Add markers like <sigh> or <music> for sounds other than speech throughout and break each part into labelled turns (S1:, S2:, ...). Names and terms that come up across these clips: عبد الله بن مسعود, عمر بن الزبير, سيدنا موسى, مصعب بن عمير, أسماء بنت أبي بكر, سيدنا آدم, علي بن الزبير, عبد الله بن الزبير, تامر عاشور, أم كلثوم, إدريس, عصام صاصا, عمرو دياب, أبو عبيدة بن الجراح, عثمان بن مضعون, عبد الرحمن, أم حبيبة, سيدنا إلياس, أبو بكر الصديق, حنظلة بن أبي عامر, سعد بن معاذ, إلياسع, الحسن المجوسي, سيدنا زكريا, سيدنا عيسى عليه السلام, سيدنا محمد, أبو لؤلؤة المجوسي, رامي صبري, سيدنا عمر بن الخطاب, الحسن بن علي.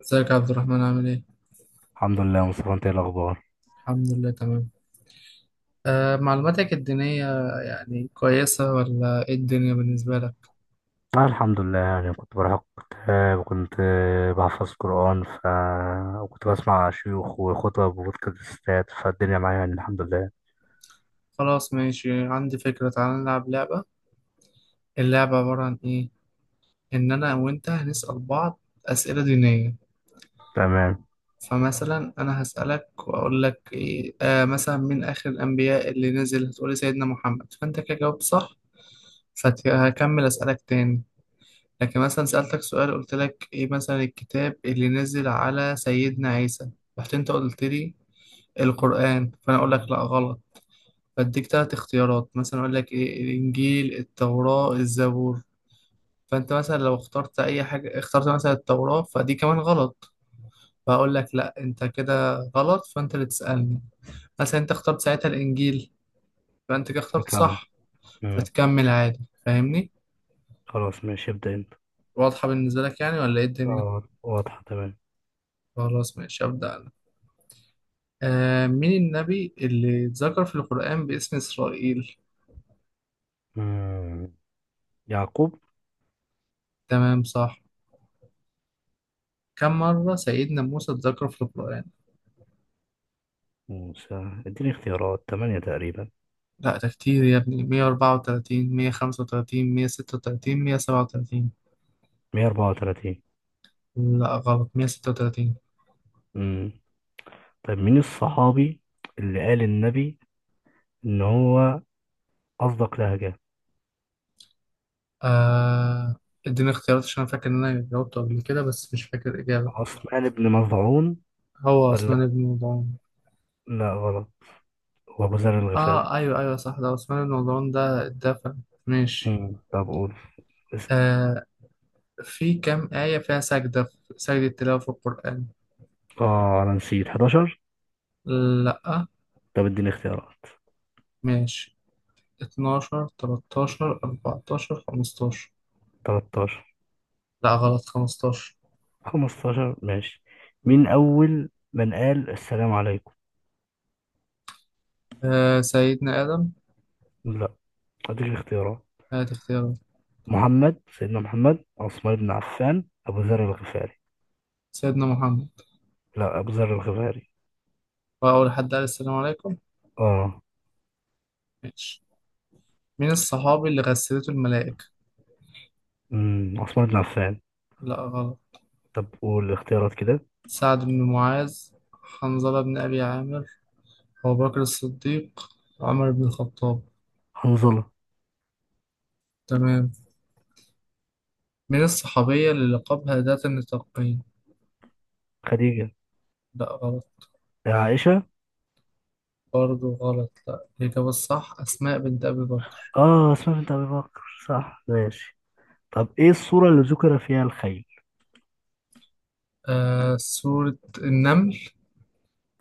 S1: ازيك يا عبد الرحمن، عامل ايه؟
S2: الحمد لله يا مصطفى، انت ايه الاخبار؟
S1: الحمد لله تمام. آه، معلوماتك الدينية يعني كويسة، ولا ايه الدنيا بالنسبة لك؟
S2: الحمد لله، يعني كنت بروح كتاب وكنت بحفظ قرآن وكنت بسمع شيوخ وخطب وبودكاستات، فالدنيا معايا يعني الحمد لله.
S1: خلاص ماشي، عندي فكرة. تعال نلعب لعبة. اللعبة عبارة عن ايه؟ ان انا وانت هنسأل بعض اسئلة دينية.
S2: تمام
S1: فمثلا انا هسألك واقول لك إيه، مثلا من اخر الانبياء اللي نزل، هتقولي سيدنا محمد، فانت كده جاوبت صح، فهكمل اسألك تاني. لكن مثلا سألتك سؤال، قلت لك ايه مثلا الكتاب اللي نزل على سيدنا عيسى، رحت انت قلت لي القرآن، فانا اقول لك لا غلط، فاديك تلات اختيارات، مثلا اقول لك ايه، الانجيل، التوراة، الزبور. فانت مثلا لو اخترت اي حاجة، اخترت مثلا التوراة، فدي كمان غلط، فاقول لك لا انت كده غلط، فانت اللي تسألني. مثلا انت اخترت ساعتها الانجيل، فانت كده اخترت
S2: تمام.
S1: صح،
S2: مم.
S1: فتكمل عادي، فاهمني؟
S2: خلاص ماشي، ابدا انت.
S1: واضحة بالنسبة لك يعني، ولا ايه الدنيا؟
S2: اه واضحه تمام.
S1: خلاص ماشي، أبدأ. آه، مين النبي اللي اتذكر في القرآن باسم إسرائيل؟
S2: مم. يعقوب.
S1: تمام صح. كم مرة سيدنا موسى اتذكر في القرآن؟
S2: موسى اديني اختيارات تمانية تقريبا.
S1: لا ده كتير يا ابني، 134، 135، 136، 137.
S2: 134.
S1: لا غلط، 136.
S2: مم. طيب مين الصحابي اللي قال النبي ان هو اصدق لهجه؟
S1: آه، اديني اختيارات عشان أنا فاكر إن أنا جاوبته قبل كده، بس مش فاكر الإجابة.
S2: عثمان بن مظعون.
S1: هو عثمان
S2: ولا
S1: بن مضعون.
S2: لا غلط، هو أبو ذر الغفاري.
S1: اه ايوه ايوه صح، ده عثمان بن مضعون ده اتدفن. ماشي.
S2: مم. طب قول اسم.
S1: آه، في كم آية فيها سجدة، سجدة تلاوة في القرآن؟
S2: اه انا نسيت. 11.
S1: لأ.
S2: طب اديني اختيارات.
S1: ماشي، 12 13 14 15
S2: 13.
S1: لأ غلط، خمستاشر.
S2: 15 ماشي. مين اول من قال السلام عليكم؟
S1: آه، سيدنا آدم.
S2: لا اديك اختيارات:
S1: هات اختيارات.
S2: محمد، سيدنا محمد، عثمان بن عفان، ابو ذر الغفاري.
S1: سيدنا محمد.
S2: لا ابو ذر الغفاري.
S1: وأول حد قال السلام عليكم.
S2: اه.
S1: ماشي. مين الصحابي اللي غسلته الملائكة؟
S2: عثمان بن عفان.
S1: لأ غلط.
S2: طب قول الاختيارات كده.
S1: سعد بن معاذ، حنظلة بن أبي عامر، أبو بكر الصديق، عمر بن الخطاب.
S2: حنظلة.
S1: تمام. مين الصحابية اللي لقبها ذات النطاقين؟
S2: خديجة.
S1: لأ غلط.
S2: عائشة.
S1: برضه غلط. لأ الإجابة الصح أسماء بنت أبي بكر.
S2: اه عثمان بن ابي بكر. صح ماشي. طب ايه الصورة اللي ذكر فيها الخيل؟
S1: آه، سورة النمل.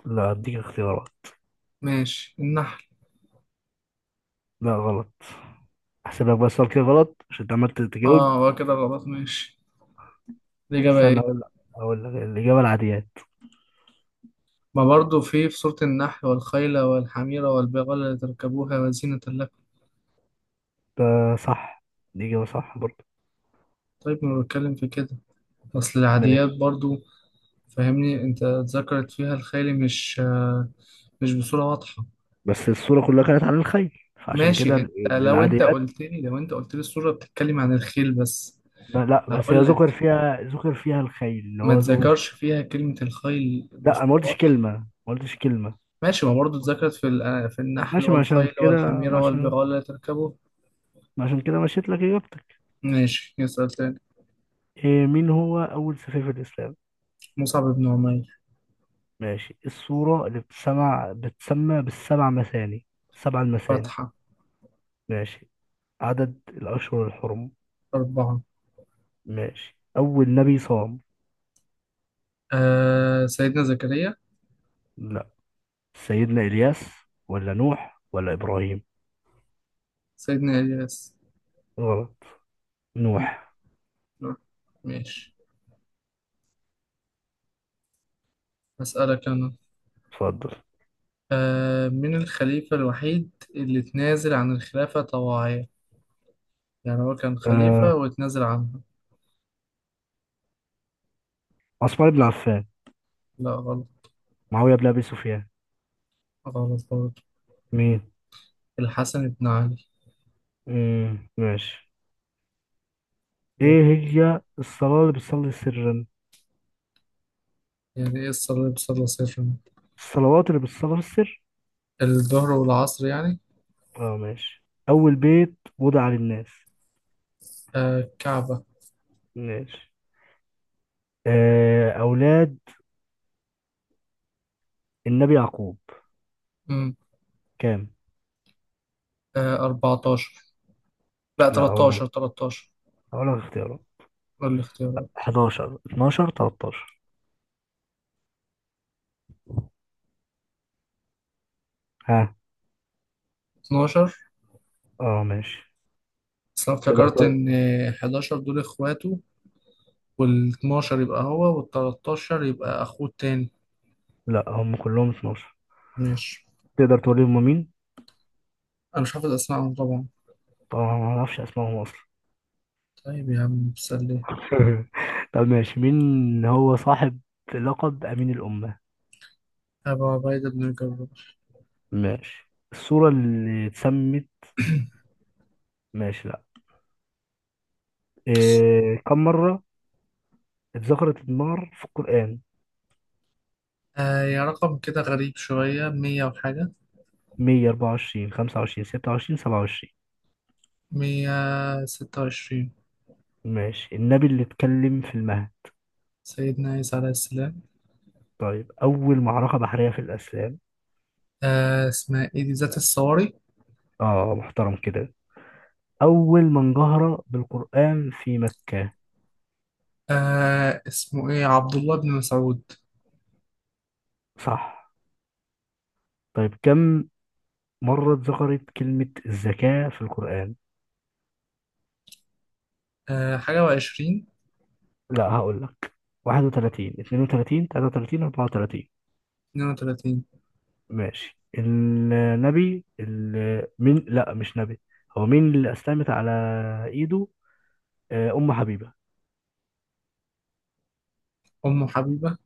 S2: لا هديك اختيارات.
S1: ماشي، النحل.
S2: لا غلط. احسب لك بس سؤال كده غلط عشان انت عملت تجاوب.
S1: اه هو كده غلط، ماشي. الإجابة
S2: استنى
S1: ايه؟
S2: اقول لك الاجابه: العاديات.
S1: ما برضو في سورة النحل، والخيل والحمير والبغال لتركبوها وزينة لكم.
S2: ده صح، دي اجابه صح برضه.
S1: طيب ما بتكلم في كده أصل العاديات
S2: ماشي،
S1: برضو. فاهمني، انت ذكرت فيها الخيل مش مش بصورة واضحة.
S2: بس الصوره كلها كانت عن الخيل فعشان كده
S1: ماشي، انت لو انت
S2: العاديات.
S1: قلت لي، السورة بتتكلم عن الخيل بس،
S2: لا بس هي
S1: هقول
S2: ذكر
S1: لك.
S2: فيها ذكر فيها الخيل اللي
S1: ما
S2: هو ذكر
S1: تذكرش
S2: فيها.
S1: فيها كلمة الخيل
S2: لا انا ما
S1: بصورة
S2: قلتش
S1: واضحة.
S2: كلمه ما قلتش كلمه.
S1: ماشي، ما برضه اتذكرت في في النحل
S2: ماشي،
S1: والخيل والحميرة والبغال لا تركبوا.
S2: ما عشان كده مشيت لك اجابتك.
S1: ماشي، يسأل تاني.
S2: إيه، مين هو اول سفير في الاسلام؟
S1: مصعب بن عمير.
S2: ماشي. الصورة اللي بتسمع بتسمى بالسبع مثاني، سبع المثاني.
S1: فتحة.
S2: ماشي. عدد الأشهر الحرم.
S1: أربعة.
S2: ماشي. أول نبي صام.
S1: آه، سيدنا زكريا.
S2: لا سيدنا إلياس ولا نوح ولا إبراهيم.
S1: سيدنا إلياس.
S2: غلط
S1: م-
S2: نوح.
S1: لا. ماشي. أسألك أنا.
S2: اتفضل.
S1: آه، من الخليفة الوحيد اللي اتنازل عن الخلافة طواعية، يعني هو كان خليفة
S2: آه.
S1: واتنازل عنها؟
S2: عثمان بن عفان.
S1: لا غلط.
S2: معاوية بن أبي سفيان.
S1: غلط برضه.
S2: مين؟
S1: الحسن بن علي.
S2: مم. ماشي. إيه هي الصلاة اللي بتصلي سرا؟
S1: يعني إيه الصليب صلى سرا؟
S2: الصلوات اللي بتصلي في السر.
S1: الظهر والعصر يعني.
S2: اه ماشي. أول بيت وضع للناس.
S1: آه، الكعبة.
S2: ماشي. أولاد النبي يعقوب كام؟
S1: آه، 14. لا،
S2: لا اقول لك
S1: 13، 13
S2: اقول لك اختيارات:
S1: دول الاختيارات.
S2: 11، 12، 13. ها.
S1: 12.
S2: اه ماشي.
S1: بس انا
S2: تقدر
S1: افتكرت
S2: تقول.
S1: ان 11 دول اخواته، وال12 يبقى هو، وال13 يبقى اخوه التاني.
S2: لا هم كلهم 12.
S1: ماشي.
S2: تقدر تقول لي هم مين.
S1: انا مش حافظ اسمائهم طبعا.
S2: طبعا ما اعرفش اسمائهم اصلا.
S1: طيب يا عم سلي.
S2: <laughs> طب ماشي، مين هو صاحب لقب امين الامه؟
S1: ابو عبيده بن الجراح.
S2: ماشي. الصوره اللي اتسمت. ماشي لا. إيه... كم مره اتذكرت النار في القران؟
S1: آه يا رقم كده غريب شويه، 100 وحاجه.
S2: 124، 25، 26، 27.
S1: 126.
S2: ماشي. النبي اللي اتكلم في المهد.
S1: سيدنا عيسى عليه السلام.
S2: طيب أول معركة بحرية في الإسلام.
S1: آه اسمها ايه دي، ذات الصواري.
S2: آه محترم كده. أول من جهر بالقرآن في مكة.
S1: آه اسمه ايه، عبد الله بن مسعود.
S2: صح. طيب كم مرة اتذكرت كلمة الزكاة في القرآن؟
S1: آه، حاجة و20.
S2: لا هقول لك: 31، 32، 33، 34.
S1: 32.
S2: ماشي. النبي من لا مش نبي، هو مين اللي أسلمت على إيده؟ أم حبيبة.
S1: أم حبيبة.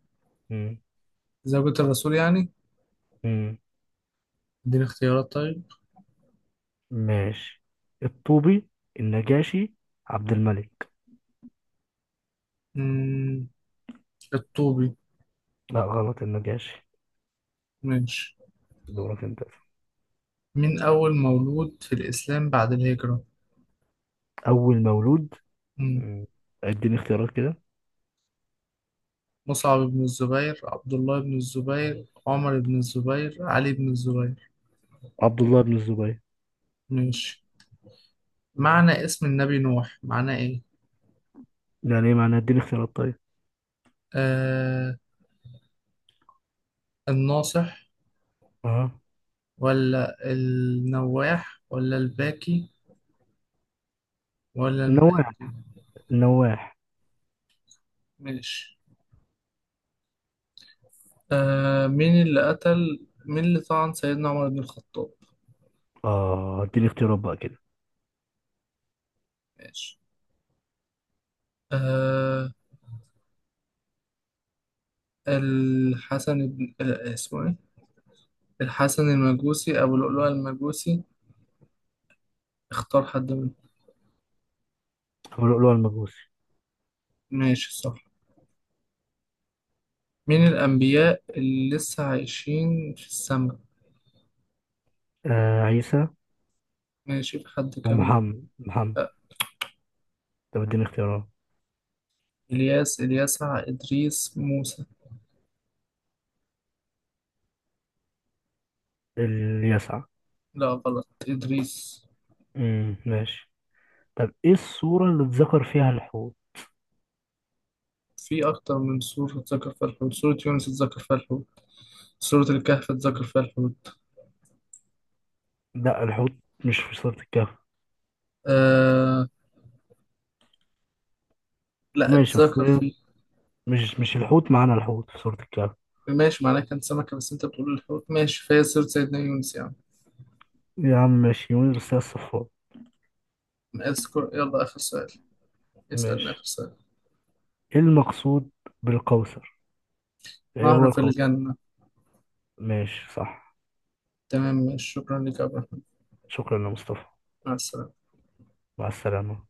S2: مم.
S1: زوجة الرسول يعني.
S2: مم.
S1: اديني اختيارات طيب.
S2: ماشي: الطوبي، النجاشي، عبد الملك.
S1: مم، الطوبي.
S2: لا غلط النجاشي.
S1: ماشي.
S2: دورك انت.
S1: مين أول مولود في الإسلام بعد الهجرة؟
S2: اول مولود.
S1: مم.
S2: مم. اديني اختيارات كده.
S1: مصعب بن الزبير، عبد الله بن الزبير، عمر بن الزبير، علي بن الزبير.
S2: عبد الله بن الزبير.
S1: ماشي. معنى اسم النبي نوح، معنى إيه؟
S2: يعني ايه معناه؟ اديني اختيارات طيب.
S1: آه، الناصح،
S2: اه.
S1: ولا النواح، ولا الباكي، ولا
S2: نواح،
S1: المهدي.
S2: نواح.
S1: ماشي. آه مين اللي طعن سيدنا عمر بن الخطاب؟
S2: اه اديني اختيارات بقى كده.
S1: ماشي. آه الحسن بن اسمه ايه، الحسن المجوسي، أبو لؤلؤة المجوسي. اختار حد منهم.
S2: ابو لؤلؤ المجوسي.
S1: ماشي صح. مين الأنبياء اللي لسه عايشين في السماء؟
S2: آه عيسى.
S1: ماشي، في حد كمان؟
S2: ومحمد محمد.
S1: لا.
S2: طب اديني اختيارات.
S1: إلياس، إلياسع، إدريس، موسى.
S2: اللي يسعى.
S1: لا غلط، إدريس.
S2: ماشي. طب ايه الصورة اللي اتذكر فيها الحوت؟
S1: في أكتر من سورة اتذكر فيها الحوت، سورة يونس اتذكر فيها الحوت، سورة الكهف اتذكر فيها الحوت.
S2: لا الحوت مش في سورة الكهف.
S1: آه، لا
S2: ماشي بس
S1: اتذكر فيه.
S2: مش الحوت معانا الحوت في سورة الكهف.
S1: ماشي، معناه كان سمكة، بس انت بتقول الحوت، ماشي، فهي سيرة سيدنا يونس يعني.
S2: يا عم ماشي يونس، بس هي الصفار.
S1: اذكر، يلا آخر سؤال. اسألنا
S2: ماشي.
S1: آخر سؤال.
S2: ايه المقصود بالقوس؟ ايه هو
S1: نهر في
S2: القوس؟
S1: الجنة.
S2: ماشي صح.
S1: تمام ماشي، شكرا لك يا عبد الرحمن.
S2: شكرا يا مصطفى.
S1: مع السلامة.
S2: مع السلامة.